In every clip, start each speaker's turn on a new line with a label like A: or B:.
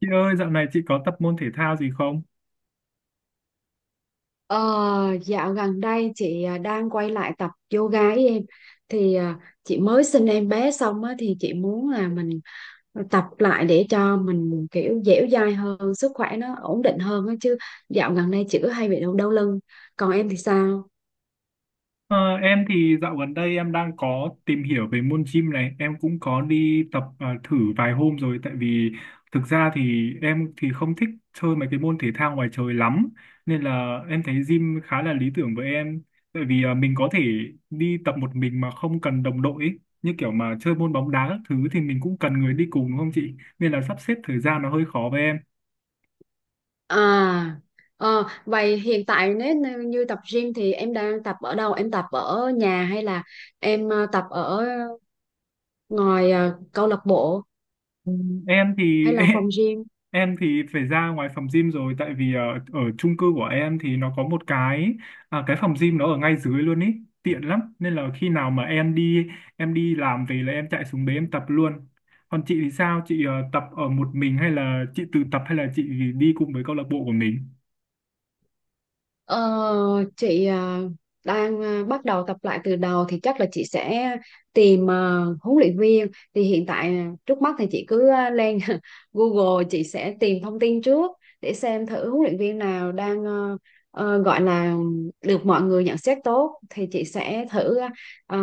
A: Chị ơi, dạo này chị có tập môn thể thao gì không?
B: Ờ, dạo gần đây chị đang quay lại tập yoga ấy em. Thì chị mới sinh em bé xong á, thì chị muốn là mình tập lại để cho mình kiểu dẻo dai hơn, sức khỏe nó ổn định hơn á chứ. Dạo gần đây chị cứ hay bị đau đau lưng. Còn em thì sao?
A: Ờ, em thì dạo gần đây em đang có tìm hiểu về môn gym này, em cũng có đi tập thử vài hôm rồi, tại vì thực ra thì em thì không thích chơi mấy cái môn thể thao ngoài trời lắm, nên là em thấy gym khá là lý tưởng với em. Tại vì mình có thể đi tập một mình mà không cần đồng đội ấy. Như kiểu mà chơi môn bóng đá các thứ thì mình cũng cần người đi cùng đúng không chị? Nên là sắp xếp thời gian nó hơi khó với em.
B: À, vậy hiện tại nếu như như tập gym thì em đang tập ở đâu? Em tập ở nhà hay là em tập ở ngoài, câu lạc bộ
A: Ừ. Em
B: hay
A: thì
B: là phòng gym?
A: Em thì phải ra ngoài phòng gym rồi, tại vì ở chung cư của em thì nó có một cái phòng gym nó ở ngay dưới luôn ý, tiện lắm, nên là khi nào mà em đi làm về là em chạy xuống đấy em tập luôn. Còn chị thì sao, chị tập ở một mình hay là chị tự tập hay là chị đi cùng với câu lạc bộ của mình?
B: Ờ, chị đang bắt đầu tập lại từ đầu thì chắc là chị sẽ tìm huấn luyện viên. Thì hiện tại trước mắt thì chị cứ lên Google, chị sẽ tìm thông tin trước để xem thử huấn luyện viên nào đang gọi là được mọi người nhận xét tốt, thì chị sẽ thử ờ,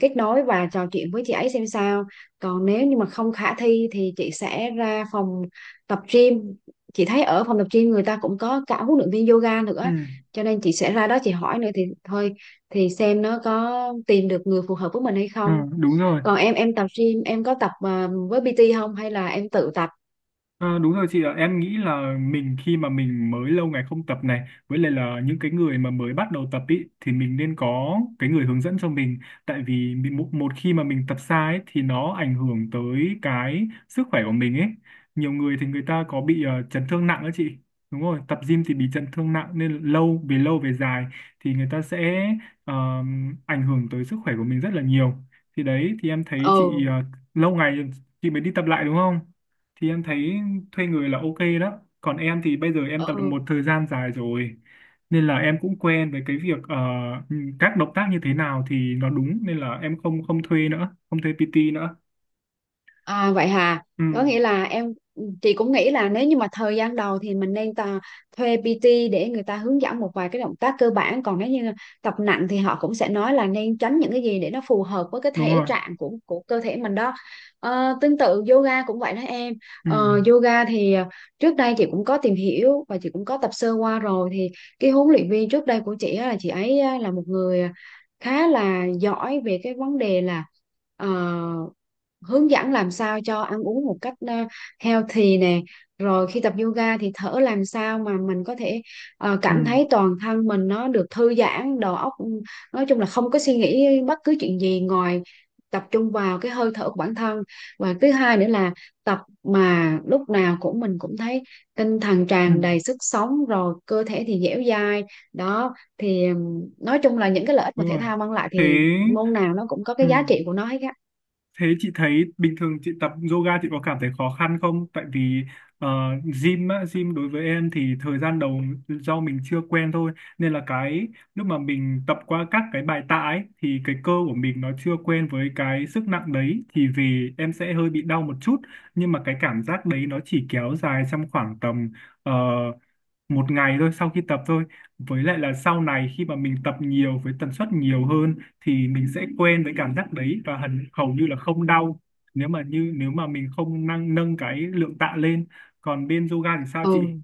B: kết nối và trò chuyện với chị ấy xem sao. Còn nếu như mà không khả thi thì chị sẽ ra phòng tập gym. Chị thấy ở phòng tập gym người ta cũng có cả huấn luyện viên yoga nữa,
A: Ừ.
B: cho nên chị sẽ ra đó chị hỏi nữa thì thôi, thì xem nó có tìm được người phù hợp với mình hay
A: Ừ,
B: không.
A: đúng rồi.
B: Còn em tập gym em có tập với PT không hay là em tự tập?
A: Ờ, Đúng rồi chị ạ, em nghĩ là mình khi mà mình mới lâu ngày không tập này, với lại là những cái người mà mới bắt đầu tập ý, thì mình nên có cái người hướng dẫn cho mình. Tại vì một khi mà mình tập sai ấy, thì nó ảnh hưởng tới cái sức khỏe của mình ấy. Nhiều người thì người ta có bị chấn thương nặng đó chị. Đúng rồi, tập gym thì bị chấn thương nặng, nên về lâu về dài thì người ta sẽ ờ, ảnh hưởng tới sức khỏe của mình rất là nhiều. Thì đấy, thì em thấy
B: Ừ.
A: chị lâu ngày chị mới đi tập lại đúng không? Thì em thấy thuê người là ok đó, còn em thì bây giờ em tập được
B: Ừ.
A: một thời gian dài rồi, nên là em cũng quen với cái việc các động tác như thế nào thì nó đúng, nên là em không không thuê nữa, không thuê PT nữa.
B: À vậy hà,
A: Ừ,
B: có nghĩa là chị cũng nghĩ là nếu như mà thời gian đầu thì mình nên thuê PT để người ta hướng dẫn một vài cái động tác cơ bản. Còn nếu như tập nặng thì họ cũng sẽ nói là nên tránh những cái gì để nó phù hợp với cái
A: đúng
B: thể
A: rồi.
B: trạng của cơ thể mình đó. Ờ, tương tự yoga cũng vậy đó em.
A: Ừ.
B: Ờ, yoga thì trước đây chị cũng có tìm hiểu và chị cũng có tập sơ qua rồi, thì cái huấn luyện viên trước đây của chị á, là chị ấy á, là một người khá là giỏi về cái vấn đề là ờ, hướng dẫn làm sao cho ăn uống một cách healthy nè, rồi khi tập yoga thì thở làm sao mà mình có thể
A: Ừ.
B: cảm thấy toàn thân mình nó được thư giãn đầu óc, ừ, nói chung là không có suy nghĩ bất cứ chuyện gì ngoài tập trung vào cái hơi thở của bản thân. Và thứ hai nữa là tập mà lúc nào cũng mình cũng thấy tinh thần
A: Ừ,
B: tràn đầy sức sống, rồi cơ thể thì dẻo dai. Đó thì nói chung là những cái lợi ích mà
A: đúng
B: thể
A: rồi.
B: thao mang lại
A: Thế.
B: thì môn nào nó cũng có
A: Ừ.
B: cái giá trị của nó hết á.
A: Thế chị thấy bình thường chị tập yoga chị có cảm thấy khó khăn không? Tại vì ờ, gym á, đối với em thì thời gian đầu do mình chưa quen thôi, nên là cái lúc mà mình tập qua các cái bài tạ ấy thì cái cơ của mình nó chưa quen với cái sức nặng đấy, thì về em sẽ hơi bị đau một chút. Nhưng mà cái cảm giác đấy nó chỉ kéo dài trong khoảng tầm ờ, một ngày thôi sau khi tập thôi. Với lại là sau này khi mà mình tập nhiều với tần suất nhiều hơn thì mình sẽ quen với cảm giác đấy và hầu như là không đau, nếu mà nếu mà mình không nâng nâng cái lượng tạ lên. Còn bên yoga thì sao chị?
B: Ừ.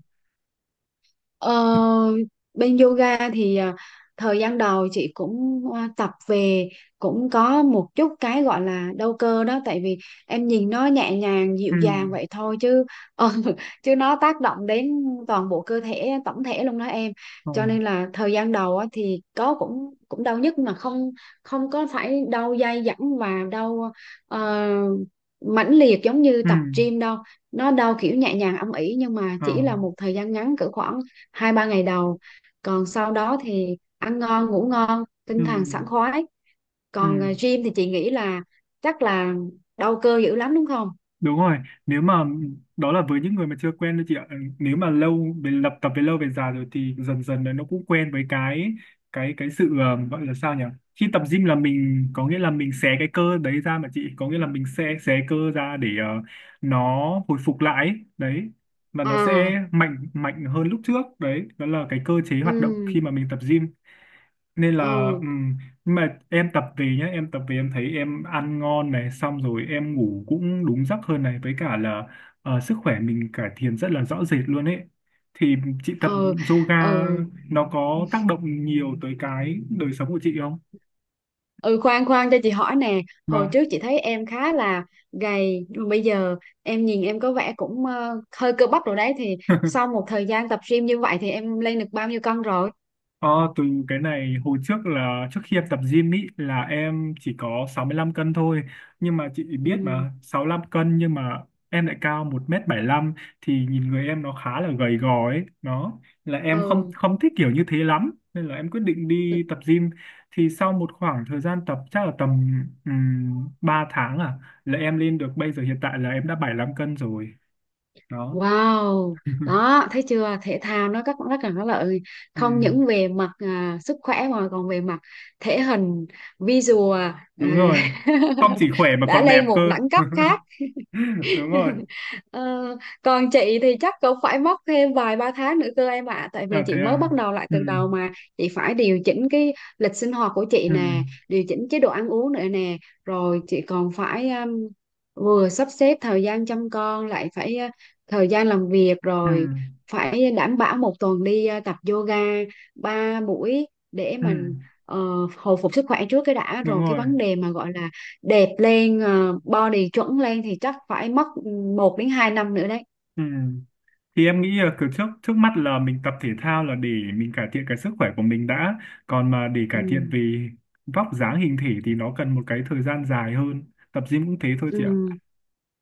B: Ờ, bên yoga thì thời gian đầu chị cũng tập về cũng có một chút cái gọi là đau cơ đó, tại vì em nhìn nó nhẹ nhàng dịu
A: Ừ.
B: dàng vậy thôi chứ ờ, chứ nó tác động đến toàn bộ cơ thể tổng thể luôn đó em.
A: Ừ.
B: Cho nên là thời gian đầu á, thì có cũng cũng đau nhức mà không không có phải đau dai dẳng và đau ờ, mãnh liệt giống như
A: Ừ.
B: tập gym đâu. Nó đau kiểu nhẹ nhàng âm ỉ nhưng mà
A: Ờ.
B: chỉ là một thời gian ngắn cỡ khoảng hai ba ngày đầu. Còn sau đó thì ăn ngon ngủ ngon
A: Ừ.
B: tinh thần sảng khoái.
A: Ừ.
B: Còn gym thì chị nghĩ là chắc là đau cơ dữ lắm đúng không?
A: Đúng rồi, nếu mà đó là với những người mà chưa quen thôi chị ạ. Nếu mà lâu về lập tập về lâu về dài rồi thì dần dần là nó cũng quen với cái sự gọi là sao nhỉ? Khi tập gym là mình có nghĩa là mình xé cái cơ đấy ra mà chị, có nghĩa là mình sẽ xé cơ ra để nó hồi phục lại ấy. Đấy. Và nó sẽ
B: À.
A: mạnh mạnh hơn lúc trước. Đấy, đó là cái cơ chế hoạt động
B: Ừ.
A: khi mà mình tập gym. Nên là
B: Ừ.
A: nhưng mà em tập về nhá em tập về em thấy em ăn ngon này, xong rồi em ngủ cũng đúng giấc hơn này, với cả là sức khỏe mình cải thiện rất là rõ rệt luôn ấy. Thì chị tập
B: Ừ.
A: yoga
B: Ừ.
A: nó có tác động nhiều tới cái đời sống của chị không?
B: Ừ, khoan khoan cho chị hỏi nè. Hồi
A: Vâng.
B: trước chị thấy em khá là gầy nhưng mà bây giờ em nhìn em có vẻ cũng hơi cơ bắp rồi đấy. Thì sau một thời gian tập gym như vậy thì em lên được bao nhiêu cân rồi?
A: Ờ, Từ cái này hồi trước là trước khi em tập gym ý là em chỉ có 65 cân thôi, nhưng mà chị biết
B: Ừ.
A: mà 65 cân nhưng mà em lại cao 1 m lăm, thì nhìn người em nó khá là gầy gò ấy, nó là em không
B: Ừ.
A: không thích kiểu như thế lắm nên là em quyết định đi tập gym. Thì sau một khoảng thời gian tập chắc là tầm 3 tháng à, là em lên được bây giờ hiện tại là em đã 75 cân rồi. Đó.
B: Wow, đó thấy chưa? Thể thao nó rất rất là có lợi, không
A: Ừm,
B: những về mặt sức khỏe mà còn về mặt thể hình, visual, ờ,
A: đúng rồi, không chỉ khỏe mà
B: đã
A: còn đẹp
B: lên
A: cơ.
B: một đẳng cấp khác.
A: Đúng rồi.
B: Ờ, còn chị thì chắc cũng phải mất thêm vài ba tháng nữa cơ em ạ, tại vì
A: À,
B: chị
A: thế
B: mới bắt
A: à.
B: đầu lại
A: Ừ.
B: từ đầu mà. Chị phải điều chỉnh cái lịch sinh hoạt của chị
A: Ừ.
B: nè, điều chỉnh chế độ ăn uống nữa nè, rồi chị còn phải vừa sắp xếp thời gian chăm con, lại phải thời gian làm việc,
A: Ừ.
B: rồi phải đảm bảo một tuần đi tập yoga ba buổi để
A: Ừ,
B: mình ờ, hồi phục sức khỏe trước cái đã,
A: đúng
B: rồi cái
A: rồi.
B: vấn đề mà gọi là đẹp lên body chuẩn lên thì chắc phải mất một đến 2 năm nữa đấy.
A: Ừ. Thì em nghĩ là kiểu trước trước mắt là mình tập thể thao là để mình cải thiện cái sức khỏe của mình đã, còn mà để cải thiện
B: Ừ.
A: về vóc dáng hình thể thì nó cần một cái thời gian dài hơn. Tập gym cũng thế thôi chị ạ.
B: Ừ.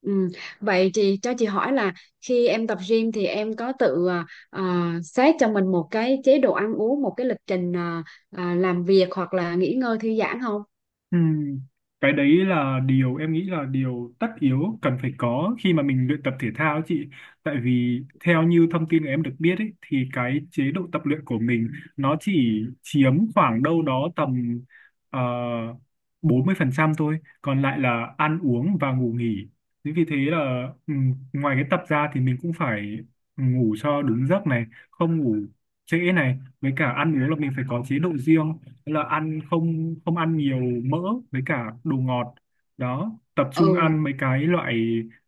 B: Ừ. Vậy chị cho chị hỏi là khi em tập gym thì em có tự xét cho mình một cái chế độ ăn uống, một cái lịch trình làm việc hoặc là nghỉ ngơi thư giãn không?
A: Ừ. Cái đấy là điều em nghĩ là điều tất yếu cần phải có khi mà mình luyện tập thể thao ấy chị. Tại vì theo như thông tin em được biết ấy, thì cái chế độ tập luyện của mình nó chỉ chiếm khoảng đâu đó tầm ờ, 40% thôi. Còn lại là ăn uống và ngủ nghỉ. Thế vì thế là ngoài cái tập ra thì mình cũng phải ngủ cho đúng giấc này, không ngủ trễ này. Với cả ăn uống là mình phải có chế độ riêng. Thế là ăn, không, không ăn nhiều mỡ với cả đồ ngọt, đó tập trung
B: Ừ,
A: ăn mấy cái loại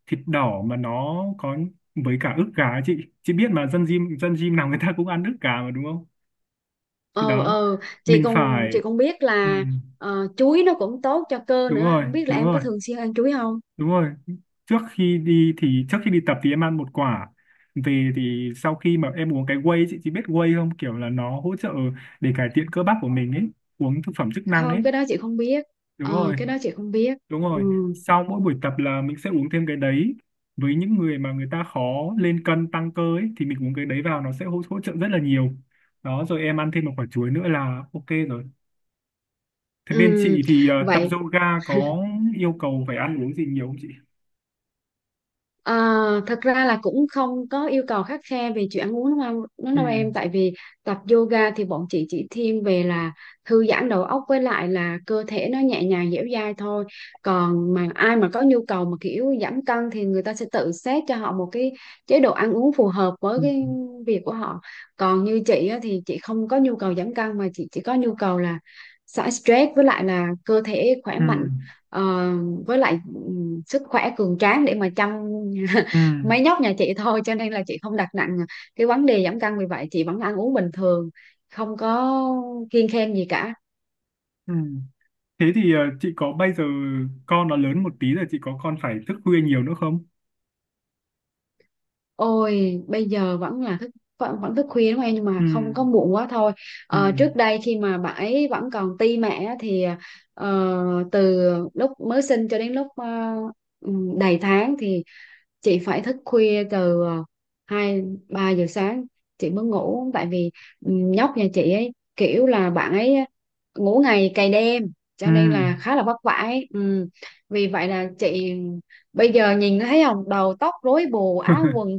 A: thịt đỏ mà nó có với cả ức gà ấy Chị biết mà dân gym nào người ta cũng ăn ức gà mà đúng không? Thì
B: ờ,
A: đó
B: ờ. Chị
A: mình
B: cũng
A: phải.
B: chị cũng biết
A: ừ,
B: là chuối nó cũng tốt cho cơ
A: Đúng
B: nữa.
A: rồi,
B: Không biết là
A: đúng
B: em
A: rồi,
B: có thường xuyên ăn chuối không?
A: đúng rồi. Trước khi đi tập thì em ăn một quả. Về thì sau khi mà em uống cái whey ấy, chị biết whey không, kiểu là nó hỗ trợ để cải thiện cơ bắp của mình ấy, uống thực phẩm chức năng
B: Không,
A: ấy.
B: cái đó chị không biết.
A: Đúng
B: Ờ,
A: rồi.
B: cái đó chị không biết.
A: Đúng
B: Ừ.
A: rồi, sau mỗi buổi tập là mình sẽ uống thêm cái đấy. Với những người mà người ta khó lên cân tăng cơ ấy, thì mình uống cái đấy vào nó sẽ hỗ trợ rất là nhiều. Đó, rồi em ăn thêm một quả chuối nữa là ok rồi. Thế bên
B: Ừ,
A: chị thì tập
B: vậy
A: yoga có yêu cầu phải ăn uống gì nhiều không chị?
B: à, thật ra là cũng không có yêu cầu khắt khe về chuyện ăn uống đúng không đúng
A: Ừ.
B: đâu em, tại vì tập yoga thì bọn chị chỉ thiên về là thư giãn đầu óc, với lại là cơ thể nó nhẹ nhàng dẻo dai thôi. Còn mà ai mà có nhu cầu mà kiểu giảm cân thì người ta sẽ tự xét cho họ một cái chế độ ăn uống phù hợp với
A: Ừ.
B: cái việc của họ. Còn như chị á, thì chị không có nhu cầu giảm cân mà chị chỉ có nhu cầu là xả stress, với lại là cơ thể khỏe
A: Ừ.
B: mạnh. Ờ, với lại sức khỏe cường tráng để mà chăm
A: Ừ.
B: mấy nhóc nhà chị thôi, cho nên là chị không đặt nặng cái vấn đề giảm cân, vì vậy chị vẫn ăn uống bình thường, không có kiêng khem gì cả.
A: Ừ. Thế thì chị có bây giờ con nó lớn một tí rồi chị có con phải thức khuya nhiều nữa không?
B: Ôi bây giờ vẫn là thức vẫn thức khuya đúng không em, nhưng mà
A: Ừ.
B: không có muộn quá thôi.
A: Ừ.
B: Ờ, trước đây khi mà bà ấy vẫn còn ti mẹ á, thì ờ, từ lúc mới sinh cho đến lúc đầy tháng thì chị phải thức khuya từ hai ba giờ sáng chị mới ngủ, tại vì ừ, nhóc nhà chị ấy kiểu là bạn ấy ngủ ngày cày đêm,
A: Ừ.
B: cho nên là khá là vất vả ấy. Ừ. Vì vậy là chị bây giờ nhìn thấy không, đầu tóc rối bù, áo quần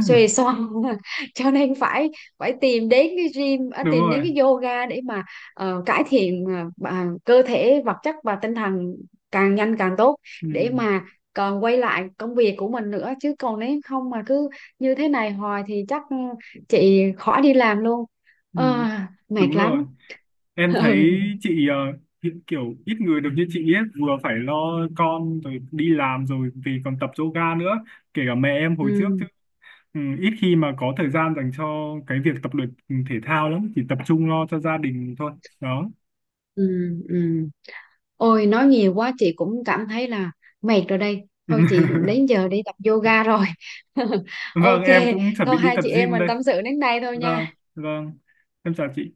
B: xuề xoa. Cho nên phải phải tìm đến cái gym,
A: Đúng
B: tìm đến
A: rồi.
B: cái yoga để mà cải thiện cơ thể vật chất và tinh thần càng nhanh càng tốt,
A: Ừ.
B: để mà còn quay lại công việc của mình nữa chứ. Còn nếu không mà cứ như thế này hoài thì chắc ừ, chị khỏi đi làm luôn.
A: Ừ.
B: Ờ, mệt
A: Đúng
B: lắm.
A: rồi, em thấy
B: Ừ.
A: chị hiện kiểu ít người được như chị ấy, vừa phải lo con rồi đi làm rồi vì còn tập yoga nữa, kể cả mẹ em hồi trước
B: Ừ.
A: chứ. Ừ, ít khi mà có thời gian dành cho cái việc tập luyện thể thao lắm, chỉ tập trung lo cho gia đình thôi. Đó.
B: Ừ. Ừ. Ôi nói nhiều quá chị cũng cảm thấy là mệt rồi đây, thôi chị đến giờ đi tập yoga rồi.
A: Vâng,
B: OK,
A: em cũng chuẩn bị
B: thôi
A: đi
B: hai
A: tập
B: chị em
A: gym
B: mình
A: đây.
B: tâm sự đến đây thôi
A: Vâng,
B: nha.
A: vâng. Em chào chị.